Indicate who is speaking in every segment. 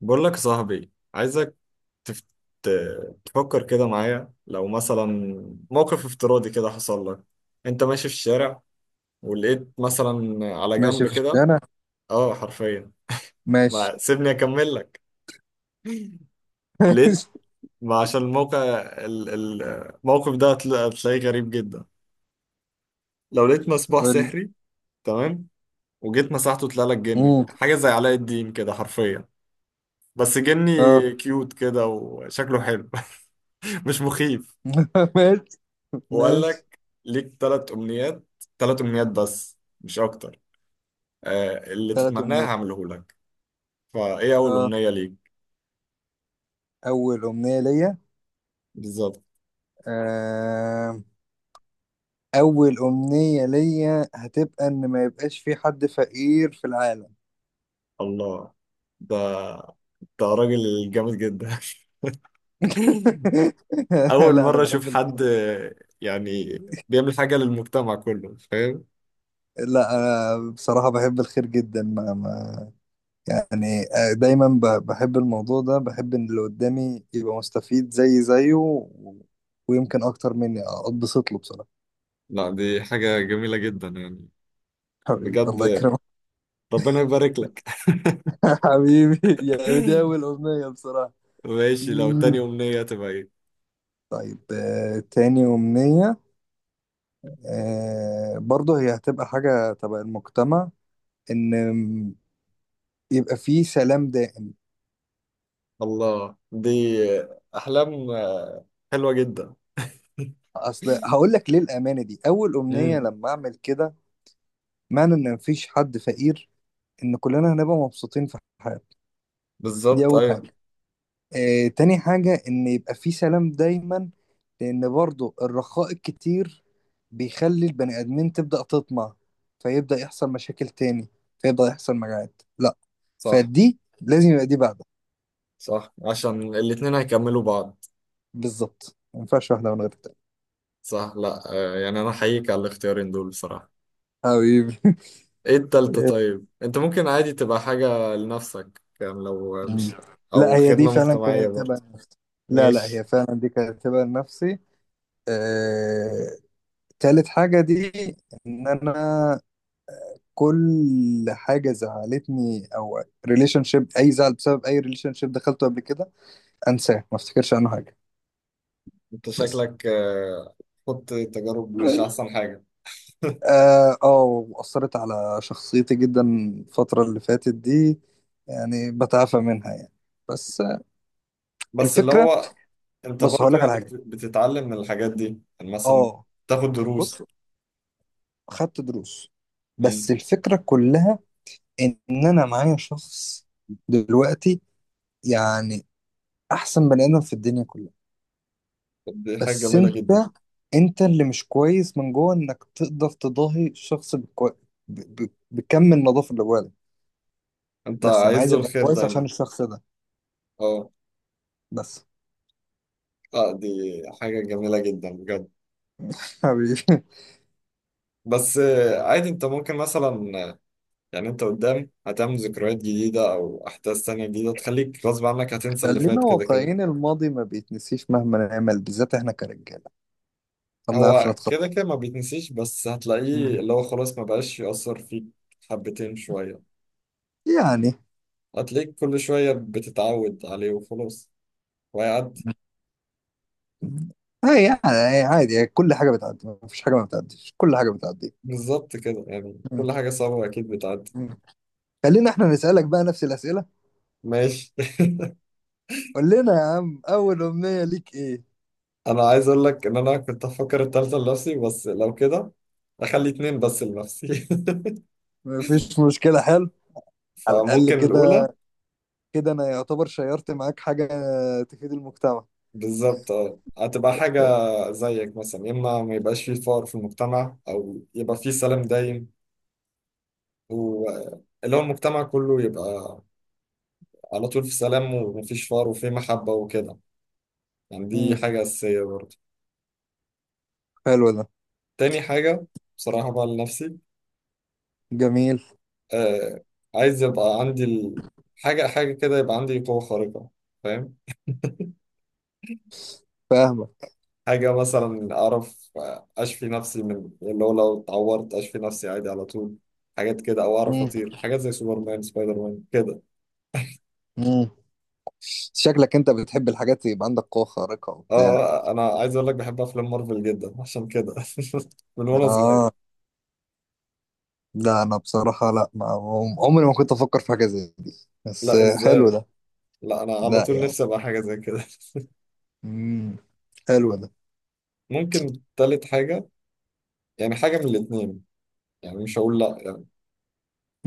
Speaker 1: بقول لك يا صاحبي، عايزك تفت... تفكر كده معايا. لو مثلا موقف افتراضي كده حصل لك، انت ماشي في الشارع ولقيت مثلا على جنب
Speaker 2: ماشي في
Speaker 1: كده.
Speaker 2: الشارع.
Speaker 1: اه حرفيا.
Speaker 2: ماشي.
Speaker 1: ما سيبني اكمل لك. لقيت،
Speaker 2: ماشي.
Speaker 1: ما عشان الموقع ال- ال- الموقف ده هتلاقيه غريب جدا. لو لقيت مصباح
Speaker 2: قول.
Speaker 1: سحري، تمام، وجيت مسحته طلع لك جني،
Speaker 2: امم.
Speaker 1: حاجة زي علاء الدين كده حرفيا، بس جني
Speaker 2: اه.
Speaker 1: كيوت كده وشكله حلو مش مخيف.
Speaker 2: ماشي
Speaker 1: وقال
Speaker 2: ماشي.
Speaker 1: لك: ليك 3 امنيات، 3 امنيات بس مش اكتر، آه اللي
Speaker 2: ثلاث
Speaker 1: تتمناه
Speaker 2: امنيات.
Speaker 1: هعمله لك. فايه اول
Speaker 2: اه،
Speaker 1: امنية ليك؟
Speaker 2: اول امنية ليا.
Speaker 1: بالظبط.
Speaker 2: آه. اول امنية ليا هتبقى ان ما يبقاش في حد فقير في العالم.
Speaker 1: الله، ده ده راجل جامد جدا اول
Speaker 2: لا انا
Speaker 1: مرة اشوف
Speaker 2: بحب
Speaker 1: حد
Speaker 2: الخير.
Speaker 1: يعني بيعمل حاجة للمجتمع كله، فاهم.
Speaker 2: لا انا بصراحة بحب الخير جدا، ما يعني. دايما بحب الموضوع ده، بحب ان اللي قدامي يبقى مستفيد زي زيه ويمكن اكتر مني، اتبسط له بصراحة.
Speaker 1: لا، دي حاجة جميلة جدا يعني.
Speaker 2: حبيبي، الله
Speaker 1: بجد،
Speaker 2: يكرمك.
Speaker 1: ربنا يبارك لك.
Speaker 2: حبيبي، يعني دي أول أمنية بصراحة.
Speaker 1: ماشي، لو تاني
Speaker 2: مم.
Speaker 1: امنية تبقى ايه؟
Speaker 2: طيب، تاني أمنية برضه هي هتبقى حاجة تبع المجتمع، إن يبقى فيه سلام دائم.
Speaker 1: الله دي احلام حلوة جدا
Speaker 2: أصل هقول لك ليه الأمانة دي أول أمنية.
Speaker 1: مم.
Speaker 2: لما أعمل كده معنى إن مفيش حد فقير، إن كلنا هنبقى مبسوطين في حياتنا. دي
Speaker 1: بالظبط
Speaker 2: أول
Speaker 1: ايوه.
Speaker 2: حاجة. تاني حاجة إن يبقى في سلام دايما، لأن برضو الرخاء الكتير بيخلي البني آدمين تبدأ تطمع، فيبدأ يحصل مشاكل تاني، فيبدأ يحصل مجاعات. لا،
Speaker 1: صح.
Speaker 2: فدي لازم يبقى دي بعدها.
Speaker 1: صح، عشان الاتنين هيكملوا بعض.
Speaker 2: بالظبط، ما ينفعش واحدة من غير التانية.
Speaker 1: صح، لا يعني انا احييك على الاختيارين دول بصراحة.
Speaker 2: حبيبي.
Speaker 1: ايه التالتة؟ طيب انت ممكن عادي تبقى حاجة لنفسك، يعني لو مش، او
Speaker 2: لا، هي دي
Speaker 1: خدمة
Speaker 2: فعلا
Speaker 1: مجتمعية
Speaker 2: كانت تبقى
Speaker 1: برضه.
Speaker 2: نفسي. لا لا، هي
Speaker 1: ماشي.
Speaker 2: فعلا دي كانت تبقى نفسي. آه... تالت حاجة دي إن أنا كل حاجه زعلتني او ريليشن شيب، اي زعل بسبب اي ريليشن شيب دخلته قبل كده، انساه، ما افتكرش عنه حاجه
Speaker 1: انت
Speaker 2: بس.
Speaker 1: شكلك خدت تجارب، مش احسن حاجة.
Speaker 2: اه، واثرت على شخصيتي جدا الفتره اللي فاتت دي، يعني بتعافى منها يعني. بس
Speaker 1: بس اللي
Speaker 2: الفكره،
Speaker 1: هو انت
Speaker 2: بص هقول
Speaker 1: برضو
Speaker 2: لك على
Speaker 1: يعني
Speaker 2: حاجه.
Speaker 1: بتتعلم من الحاجات دي، يعني مثلا
Speaker 2: اه،
Speaker 1: تاخد
Speaker 2: بص،
Speaker 1: دروس.
Speaker 2: خدت دروس. بس
Speaker 1: مم.
Speaker 2: الفكره كلها ان انا معايا شخص دلوقتي، يعني احسن بني ادم في الدنيا كلها.
Speaker 1: طب دي حاجة
Speaker 2: بس
Speaker 1: جميلة
Speaker 2: انت,
Speaker 1: جدا.
Speaker 2: انت اللي مش كويس من جوه، انك تقدر تضاهي الشخص بكم النظافه اللي جواك.
Speaker 1: انت
Speaker 2: بس انا
Speaker 1: عايز
Speaker 2: عايز
Speaker 1: له
Speaker 2: ابقى
Speaker 1: الخير
Speaker 2: كويس عشان
Speaker 1: دايما.
Speaker 2: الشخص ده
Speaker 1: اه.
Speaker 2: بس.
Speaker 1: اه دي حاجة جميلة جدا بجد.
Speaker 2: حبيبي.
Speaker 1: بس عادي انت ممكن مثلا، آه، يعني انت قدام هتعمل ذكريات جديدة او احداث تانية جديدة تخليك غصب عنك هتنسى اللي
Speaker 2: خلينا
Speaker 1: فات كده كده.
Speaker 2: واقعيين، الماضي ما بيتنسيش مهما نعمل، بالذات احنا كرجاله ما بنعرفش
Speaker 1: هو
Speaker 2: نتخطى.
Speaker 1: كده كده ما بيتنسيش، بس هتلاقيه
Speaker 2: مم.
Speaker 1: اللي هو خلاص ما بقاش يأثر فيك. حبتين شوية،
Speaker 2: يعني
Speaker 1: هتلاقيك كل شوية بتتعود عليه وخلاص، وهيعدي.
Speaker 2: هي، يعني هي عادي، هي كل حاجه بتعدي، ما فيش حاجه ما بتعديش، كل حاجه بتعدي.
Speaker 1: بالظبط كده، يعني
Speaker 2: مم.
Speaker 1: كل حاجة صعبة أكيد بتعدي.
Speaker 2: مم. خلينا احنا نسالك بقى نفس الاسئله.
Speaker 1: ماشي.
Speaker 2: قول لنا يا عم، اول امنيه ليك ايه؟
Speaker 1: أنا عايز أقول لك إن أنا كنت أفكر التالتة لنفسي، بس لو كده أخلي اتنين بس لنفسي
Speaker 2: ما فيش مشكله، حلو. على الأقل
Speaker 1: فممكن الأولى
Speaker 2: كده كده أنا يعتبر شيرت معاك حاجة تفيد المجتمع.
Speaker 1: بالظبط اه هتبقى حاجة زيك مثلا، يا إما ما يبقاش فيه فقر في المجتمع أو يبقى فيه سلام دايم، واللي هو المجتمع كله يبقى على طول في سلام ومفيش فقر وفيه محبة وكده. يعني دي
Speaker 2: امم،
Speaker 1: حاجة أساسية برضه.
Speaker 2: حلو ده.
Speaker 1: تاني حاجة بصراحة بقى لنفسي،
Speaker 2: جميل.
Speaker 1: آه، عايز يبقى عندي حاجة حاجة كده، يبقى عندي قوة خارقة، فاهم.
Speaker 2: فاهمك.
Speaker 1: حاجة مثلا أعرف أشفي نفسي من اللي هو لو اتعورت أشفي نفسي عادي على طول، حاجات كده، أو أعرف
Speaker 2: امم.
Speaker 1: أطير، حاجات زي سوبرمان سبايدر مان كده.
Speaker 2: امم. شكلك أنت بتحب الحاجات يبقى عندك قوة خارقة وبتاع.
Speaker 1: أه أنا عايز أقول لك بحب أفلام مارفل جدا عشان كده من وأنا
Speaker 2: آه.
Speaker 1: صغير.
Speaker 2: لا أنا بصراحة، لا، ما عمري ما كنت أفكر في حاجة زي دي، بس
Speaker 1: لا
Speaker 2: حلو
Speaker 1: إزاي،
Speaker 2: ده.
Speaker 1: لا أنا على
Speaker 2: لا
Speaker 1: طول
Speaker 2: يعني.
Speaker 1: نفسي أبقى حاجة زي كده.
Speaker 2: امم، حلو ده.
Speaker 1: ممكن تالت حاجة، يعني حاجة من الاتنين، يعني مش هقول لأ يعني،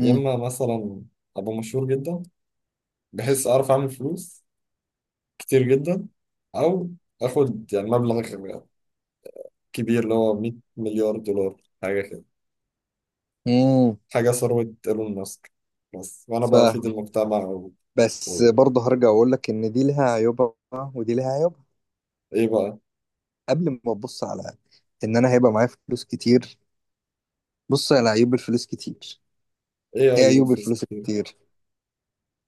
Speaker 1: يا إما مثلا أبقى مشهور جدا بحيث أعرف أعمل فلوس كتير جدا، أو آخد يعني مبلغ كبير اللي هو 100 مليار دولار حاجة كده،
Speaker 2: امم.
Speaker 1: حاجة ثروة ايلون ماسك، بس وأنا بقى أفيد
Speaker 2: فاهم.
Speaker 1: المجتمع
Speaker 2: بس
Speaker 1: و...
Speaker 2: برضه هرجع أقول لك إن دي لها عيوبها ودي لها عيوبها.
Speaker 1: إيه بقى؟
Speaker 2: قبل ما تبص على ان انا هيبقى معايا فلوس كتير، بص على عيوب الفلوس كتير.
Speaker 1: إيه
Speaker 2: ايه
Speaker 1: عيوب
Speaker 2: عيوب
Speaker 1: الفلوس
Speaker 2: الفلوس
Speaker 1: كتير؟
Speaker 2: كتير؟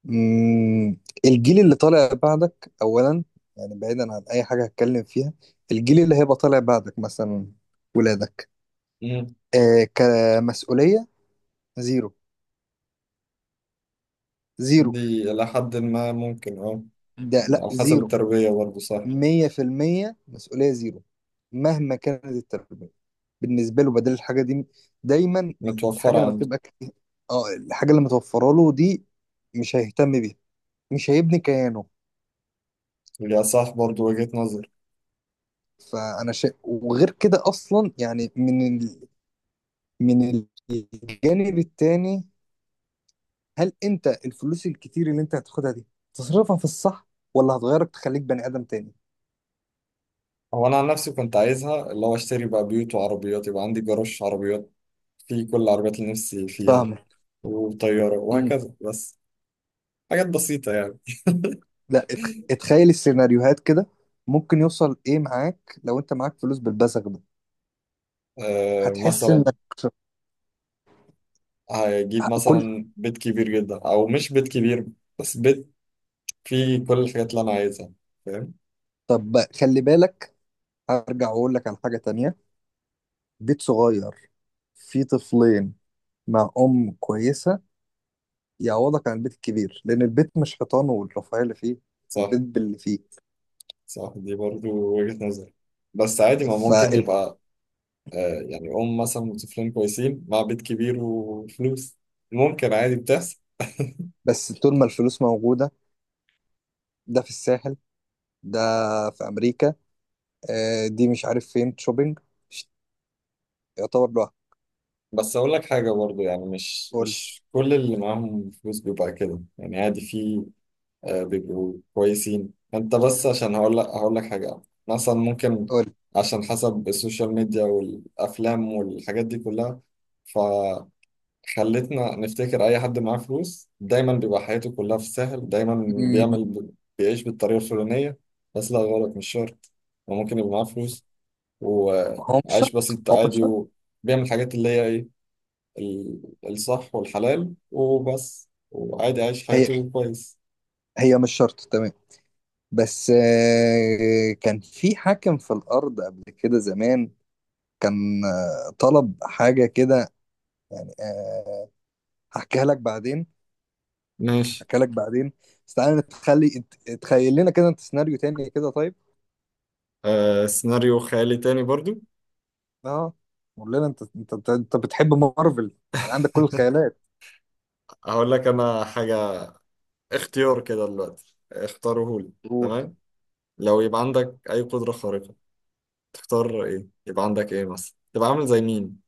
Speaker 2: مم. الجيل اللي طالع بعدك اولا، يعني بعيدا عن اي حاجه هتكلم فيها، الجيل اللي هيبقى طالع بعدك مثلا، ولادك،
Speaker 1: مم.
Speaker 2: آه، كمسؤوليه زيرو. زيرو.
Speaker 1: دي إلى حد ما ممكن أه.
Speaker 2: ده
Speaker 1: يعني
Speaker 2: لا
Speaker 1: على حسب
Speaker 2: زيرو.
Speaker 1: التربية برضه، صح.
Speaker 2: 100% مسؤولية زيرو مهما كانت التربية. بالنسبة له بدل الحاجة دي دايما،
Speaker 1: متوفرة
Speaker 2: الحاجة لما
Speaker 1: عنده.
Speaker 2: تبقى، اه، الحاجة اللي متوفرة له دي مش هيهتم بيها، مش هيبني كيانه.
Speaker 1: يا، صح برضه وجهة نظر.
Speaker 2: وغير كده اصلا، يعني من الجانب التاني، هل انت الفلوس الكتير اللي انت هتاخدها دي تصرفها في الصح، ولا هتغيرك تخليك بني ادم تاني؟
Speaker 1: هو أنا عن نفسي كنت عايزها اللي هو أشتري بقى بيوت وعربيات، يبقى عندي جراج عربيات فيه كل العربيات اللي نفسي فيها
Speaker 2: فاهمك.
Speaker 1: وطيارة
Speaker 2: امم.
Speaker 1: وهكذا، بس حاجات بسيطة يعني.
Speaker 2: لا اتخيل السيناريوهات كده، ممكن يوصل ايه معاك لو انت معاك فلوس بالبزغ ده.
Speaker 1: أه
Speaker 2: هتحس
Speaker 1: مثلا
Speaker 2: انك
Speaker 1: هيجيب
Speaker 2: كل،
Speaker 1: مثلا بيت كبير جدا او مش بيت كبير، بس بيت فيه كل الحاجات اللي انا عايزها، فاهم.
Speaker 2: طب بقى، خلي بالك، هرجع واقول لك على حاجة تانية. بيت صغير فيه طفلين مع ام كويسة يعوضك عن البيت الكبير، لان البيت مش حيطانه والرفاهيه اللي فيه،
Speaker 1: صح.
Speaker 2: البيت باللي فيه.
Speaker 1: صح دي برضو وجهة نظر، بس عادي ما ممكن
Speaker 2: فال...
Speaker 1: يبقى آه يعني ام مثلا وطفلين كويسين مع بيت كبير وفلوس، ممكن عادي بتحصل.
Speaker 2: بس طول ما الفلوس موجوده، ده في الساحل، ده في امريكا، دي مش عارف فين شوبينج، ش- يعتبر لوحده.
Speaker 1: بس اقول لك حاجة برضو، يعني مش
Speaker 2: قول.
Speaker 1: مش كل اللي معاهم فلوس بيبقى كده، يعني عادي في بيبقوا كويسين. انت بس عشان هقول لك حاجة مثلا ممكن،
Speaker 2: قول.
Speaker 1: عشان حسب السوشيال ميديا والأفلام والحاجات دي كلها، فخلتنا نفتكر أي حد معاه فلوس دايما بيبقى حياته كلها في الساحل دايما،
Speaker 2: مم،
Speaker 1: بيعمل، بيعيش بالطريقة الفلانية. بس لا، غلط، مش شرط. وممكن يبقى معاه فلوس
Speaker 2: هو مش
Speaker 1: وعايش
Speaker 2: شرط،
Speaker 1: بسيط
Speaker 2: هو مش
Speaker 1: عادي
Speaker 2: شرط.
Speaker 1: وبيعمل الحاجات اللي هي إيه، الصح والحلال وبس، وعادي عايش
Speaker 2: هي،
Speaker 1: حياته كويس.
Speaker 2: هي مش شرط، تمام. بس كان في حاكم في الارض قبل كده زمان، كان طلب حاجه كده، يعني هحكيها لك بعدين،
Speaker 1: ماشي
Speaker 2: اكلك بعدين. بس تعالى نتخلي، تخيل لنا كده انت سيناريو تاني كده طيب.
Speaker 1: آه سيناريو خيالي تاني برضو.
Speaker 2: اه. قول لنا انت، انت بتحب مارفل يعني عندك كل الخيالات.
Speaker 1: هقول لك انا حاجة، اختيار كده دلوقتي اختاره لي.
Speaker 2: قول.
Speaker 1: تمام. لو يبقى عندك اي قدرة خارقة، تختار ايه؟ يبقى عندك ايه مثلا؟ تبقى عامل زي مين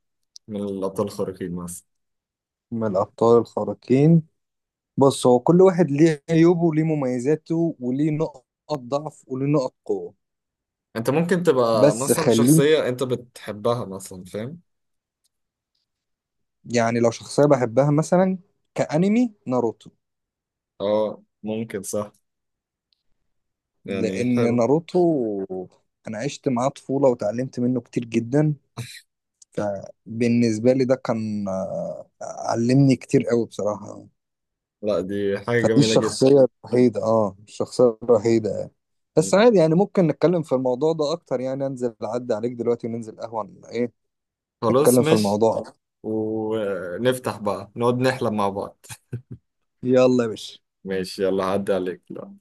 Speaker 1: من الابطال الخارقين مثلا؟
Speaker 2: من الابطال الخارقين، بص، هو كل واحد ليه عيوبه وليه مميزاته وليه نقط ضعف وليه نقط قوة.
Speaker 1: انت ممكن تبقى
Speaker 2: بس
Speaker 1: مثلا
Speaker 2: خليك،
Speaker 1: شخصية انت بتحبها مثلا، فاهم.
Speaker 2: يعني لو شخصية بحبها مثلا كأنمي ناروتو،
Speaker 1: اه ممكن، صح. يعني
Speaker 2: لأن
Speaker 1: حلو.
Speaker 2: ناروتو أنا عشت معاه طفولة وتعلمت منه كتير جدا، فبالنسبة لي ده كان، علمني كتير قوي بصراحة.
Speaker 1: لا دي حاجة
Speaker 2: فدي
Speaker 1: جميلة جدا.
Speaker 2: الشخصية الوحيدة، الشخصية الوحيدة. بس
Speaker 1: مم.
Speaker 2: عادي يعني، ممكن نتكلم في الموضوع ده أكتر، يعني أنزل أعدي عليك دلوقتي وننزل قهوة إيه،
Speaker 1: خلاص
Speaker 2: نتكلم في
Speaker 1: ماشي.
Speaker 2: الموضوع أكتر.
Speaker 1: ونفتح بقى نقعد نحلم مع بعض.
Speaker 2: يلا يا باشا.
Speaker 1: ماشي، يلا عدى عليك لا.